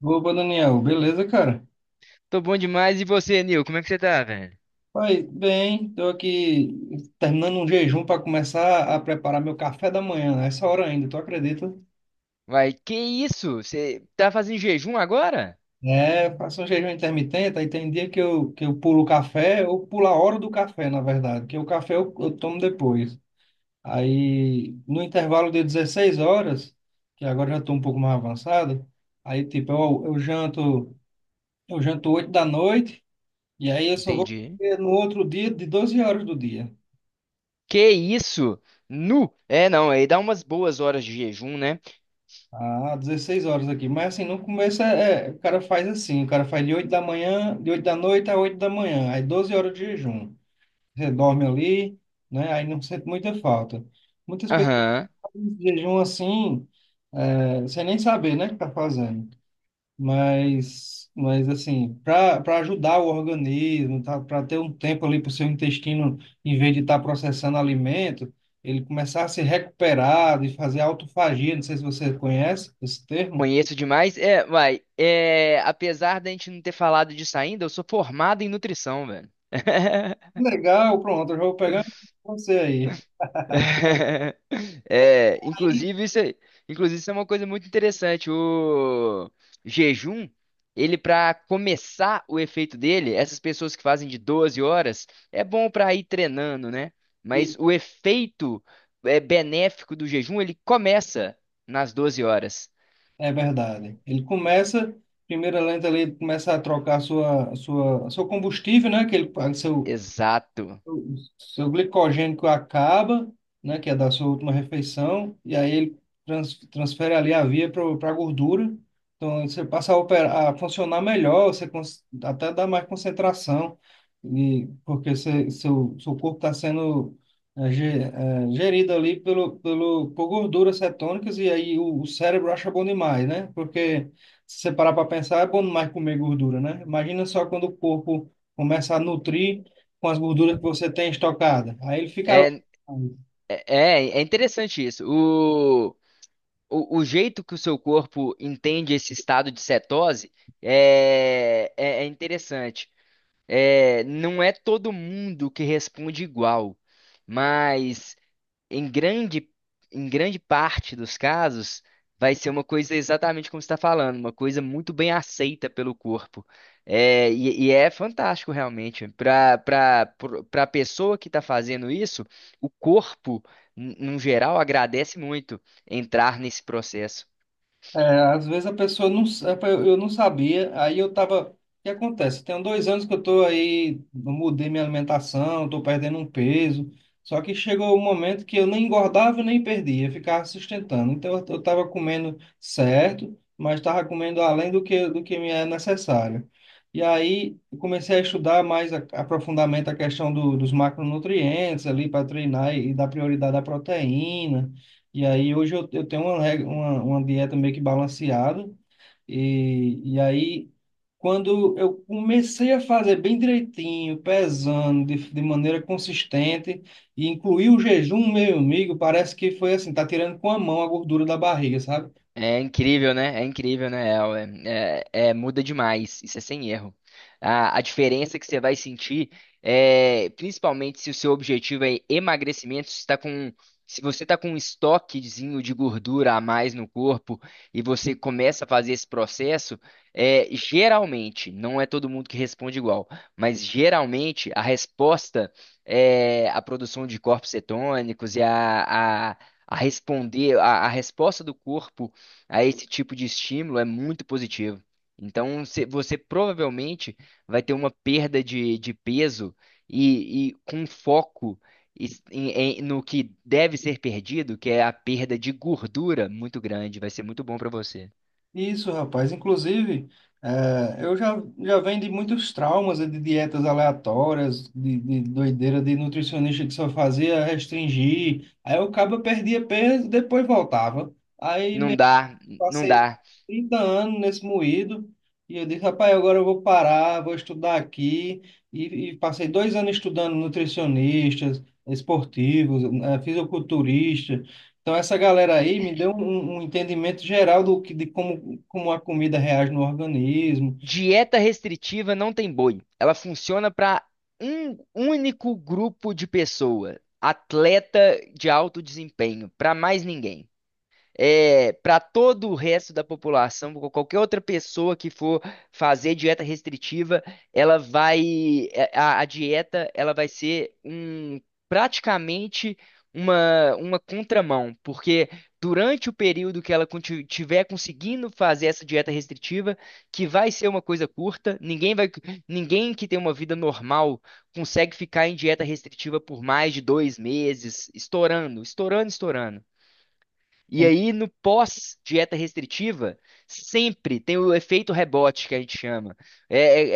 Opa, Daniel, beleza, cara? Tô bom demais. E você, Nil? Como é que você tá, velho? Vai bem, tô aqui terminando um jejum para começar a preparar meu café da manhã, a essa hora ainda, tu acredita? Vai, que isso? Você tá fazendo jejum agora? É, faço um jejum intermitente, aí tem dia que eu pulo o café, ou pulo a hora do café, na verdade, que o café eu tomo depois. Aí, no intervalo de 16 horas, que agora já estou um pouco mais avançado, aí, tipo, eu janto, eu janto 8 da noite, e aí eu só vou Entendi. comer no outro dia de 12 horas do dia. Que isso? Nu? É, não, aí dá umas boas horas de jejum, né? Ah, 16 horas aqui. Mas assim, no começo o cara faz assim, o cara faz de 8 da manhã, de 8 da noite a 8 da manhã, aí 12 horas de jejum. Você dorme ali, né? Aí não sente muita falta. Muitas pessoas Aham. fazem esse jejum assim, sem nem saber, né, que tá fazendo. Mas assim, para ajudar o organismo, tá, para ter um tempo ali para o seu intestino, em vez de estar processando alimento, ele começar a se recuperar, de fazer autofagia, não sei se você conhece esse termo. Conheço demais. É, vai. É, apesar da gente não ter falado disso ainda, eu sou formado em nutrição, velho. Legal, pronto, eu já vou pegar você aí. É, Aí, inclusive isso, inclusive isso é uma coisa muito interessante. O jejum, ele para começar o efeito dele, essas pessoas que fazem de 12 horas, é bom para ir treinando, né? e- Mas o efeito benéfico do jejum, ele começa nas 12 horas. É verdade. Ele começa, primeira lente ali, ele começa a trocar seu combustível, né? Exato. O seu glicogênico acaba, né, que é da sua última refeição, e aí ele transfere ali a via para a gordura. Então você passa a funcionar melhor, até dá mais concentração, e, porque você, seu corpo está sendo gerido ali por gorduras cetônicas, e aí o cérebro acha bom demais, né? Porque se você parar para pensar, é bom demais comer gordura, né? Imagina só quando o corpo começa a nutrir com as gorduras que você tem estocada. Aí ele fica lá. É, é, é interessante isso. O jeito que o seu corpo entende esse estado de cetose é interessante. É, não é todo mundo que responde igual, mas em grande, em grande parte dos casos vai ser uma coisa exatamente como você está falando, uma coisa muito bem aceita pelo corpo. E é fantástico realmente. Para a pessoa que está fazendo isso, o corpo, no geral, agradece muito entrar nesse processo. É, às vezes a pessoa não, eu não sabia, aí eu tava, o que acontece? Tem dois anos que eu tô aí, eu mudei minha alimentação, tô perdendo um peso, só que chegou o um momento que eu nem engordava nem perdia, ficava sustentando. Então eu tava comendo certo, mas tava comendo além do que me é necessário. E aí eu comecei a estudar mais a, aprofundamento a questão dos macronutrientes ali para treinar e dar prioridade à proteína. E aí hoje eu tenho uma dieta meio que balanceada. E aí, quando eu comecei a fazer bem direitinho, pesando de maneira consistente, e incluir o jejum, meu amigo, parece que foi assim, tá tirando com a mão a gordura da barriga, sabe? É incrível, né? É incrível, né? Muda demais, isso é sem erro. A diferença que você vai sentir, é, principalmente se o seu objetivo é emagrecimento, se você está com um estoquezinho de gordura a mais no corpo e você começa a fazer esse processo, geralmente, não é todo mundo que responde igual, mas geralmente a resposta é a produção de corpos cetônicos e a resposta do corpo a esse tipo de estímulo é muito positivo. Então, você provavelmente vai ter uma perda de peso e com foco es- em- no que deve ser perdido, que é a perda de gordura muito grande. Vai ser muito bom para você. Isso, rapaz. Inclusive, eu já venho de muitos traumas, né, de dietas aleatórias, de doideira de nutricionista que só fazia restringir. Aí eu acaba perdia peso, depois voltava. Aí Não me dá, não Passei dá. 30 anos nesse moído e eu disse, rapaz, agora eu vou parar, vou estudar aqui. E passei dois anos estudando nutricionistas, esportivos, fisiculturista. Então, essa galera aí me deu um entendimento geral do que, de como a comida reage no organismo. Dieta restritiva não tem boi. Ela funciona para um único grupo de pessoa, atleta de alto desempenho, para mais ninguém. Para todo o resto da população, pra qualquer outra pessoa que for fazer dieta restritiva, ela vai, a dieta, ela vai ser praticamente uma contramão, porque durante o período que ela tiver conseguindo fazer essa dieta restritiva, que vai ser uma coisa curta, ninguém vai, ninguém que tem uma vida normal consegue ficar em dieta restritiva por mais de 2 meses, estourando, estourando, estourando. E aí, no pós-dieta restritiva, sempre tem o efeito rebote que a gente chama. É, é-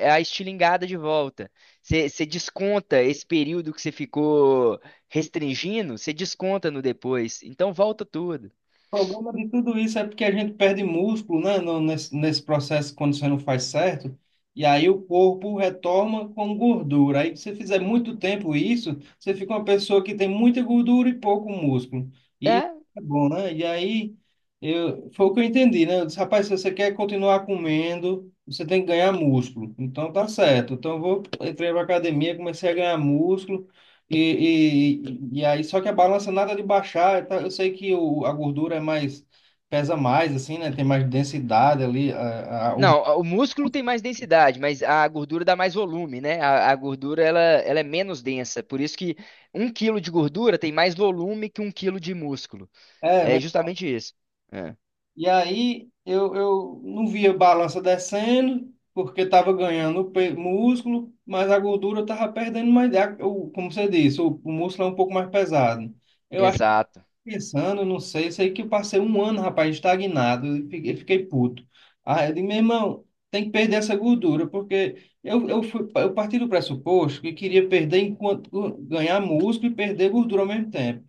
é a estilingada de volta. Você desconta esse período que você ficou restringindo, você desconta no depois. Então volta tudo. O problema de tudo isso é porque a gente perde músculo, né, nesse processo quando você não faz certo, e aí o corpo retoma com gordura. Aí, se você fizer muito tempo isso, você fica uma pessoa que tem muita gordura e pouco músculo. E isso É. é bom, né? E aí, eu, foi o que eu entendi, né? Eu disse, rapaz, se você quer continuar comendo, você tem que ganhar músculo. Então, tá certo. Então, entrei pra academia, comecei a ganhar músculo. E aí, só que a balança nada de baixar, tá? Eu sei que a gordura é mais, pesa mais, assim, né? Tem mais densidade ali. Não, o músculo tem mais densidade, mas a gordura dá mais volume, né? A gordura ela é menos densa. Por isso que 1 quilo de gordura tem mais volume que 1 quilo de músculo. É, É velho. justamente isso. É. E aí eu não via balança descendo, porque estava ganhando músculo, mas a gordura estava perdendo mais. Como você disse, o músculo é um pouco mais pesado. Eu Exato. Pensando, não sei, eu sei que eu passei um ano, rapaz, estagnado, e fiquei puto. Aí eu disse, meu irmão, tem que perder essa gordura, porque eu parti do pressuposto que queria perder enquanto ganhar músculo e perder gordura ao mesmo tempo.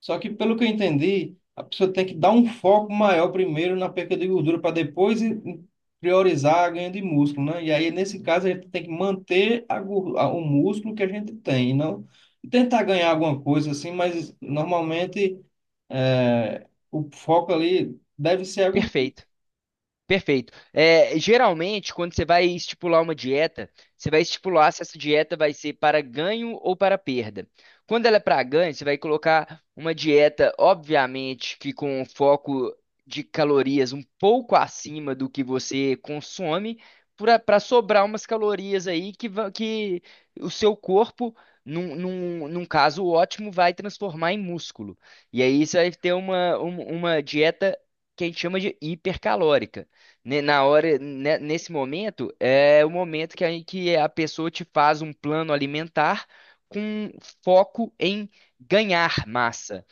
Só que, pelo que eu entendi, a pessoa tem que dar um foco maior primeiro na perca de gordura para depois priorizar a ganho de músculo, né? E aí, nesse caso, a gente tem que manter o músculo que a gente tem, e não tentar ganhar alguma coisa assim, mas normalmente é, o foco ali deve ser a gordura. Perfeito. Perfeito. É, geralmente, quando você vai estipular uma dieta, você vai estipular se essa dieta vai ser para ganho ou para perda. Quando ela é para ganho, você vai colocar uma dieta, obviamente, que com um foco de calorias um pouco acima do que você consome, para sobrar umas calorias aí que o seu corpo, num caso ótimo, vai transformar em músculo. E aí você vai ter uma dieta que a gente chama de hipercalórica. Na hora, nesse momento, é o momento que a pessoa te faz um plano alimentar com foco em ganhar massa.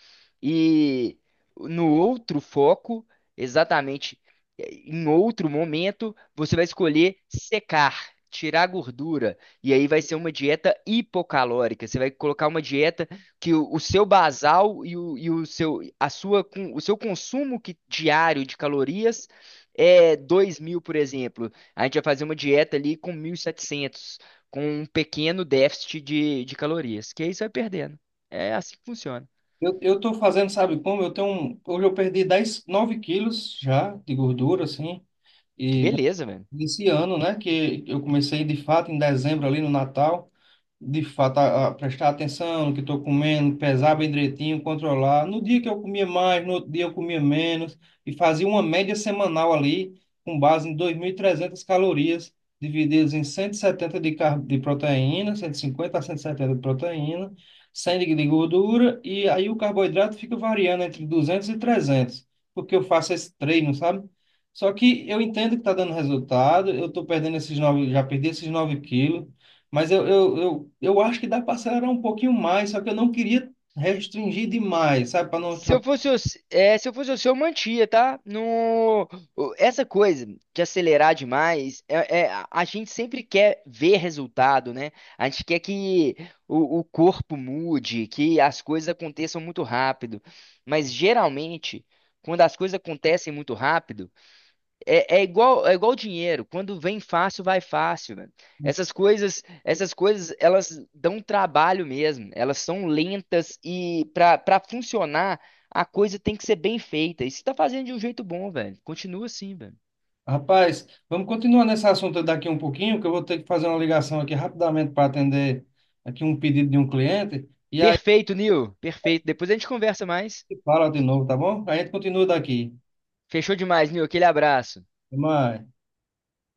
E no outro foco, exatamente, em outro momento, você vai escolher secar, tirar gordura. E aí vai ser uma dieta hipocalórica. Você vai colocar uma dieta que o seu basal e o seu consumo diário de calorias é 2.000, por exemplo, a gente vai fazer uma dieta ali com 1.700, com um pequeno déficit de calorias, que aí você vai perdendo. É assim que funciona. Eu tô fazendo, sabe como? Hoje eu perdi 10 9 quilos já de gordura, assim, Que beleza, velho. esse ano, né? Que eu comecei de fato em dezembro ali no Natal. De fato, a prestar atenção no que estou comendo, pesar bem direitinho, controlar. No dia que eu comia mais, no outro dia eu comia menos, e fazia uma média semanal ali, com base em 2.300 calorias, divididas em 170 de proteína, 150 a 170 de proteína, 100 de gordura, e aí o carboidrato fica variando entre 200 e 300, porque eu faço esse treino, sabe? Só que eu entendo que está dando resultado, eu estou perdendo esses 9 já perdi esses 9 quilos, mas eu acho que dá para acelerar um pouquinho mais, só que eu não queria restringir demais, sabe? Para não. Se ultra- eu fosse, o se é, se eu fosse o seu, eu mantia, tá? No, o- Essa coisa de acelerar demais, a gente sempre quer ver resultado, né? A gente quer que o corpo mude, que as coisas aconteçam muito rápido. Mas geralmente, quando as coisas acontecem muito rápido, é igual dinheiro. Quando vem fácil, vai fácil, velho. Essas coisas, elas dão trabalho mesmo. Elas são lentas e para funcionar, a coisa tem que ser bem feita. E você tá fazendo de um jeito bom, velho. Continua assim, velho. Rapaz, vamos continuar nesse assunto daqui um pouquinho, que eu vou ter que fazer uma ligação aqui rapidamente para atender aqui um pedido de um cliente. E aí, Perfeito, Nil. Perfeito. Depois a gente conversa mais. fala de novo, tá bom? A gente continua daqui. Fechou demais, Nil. Aquele abraço. Até mais.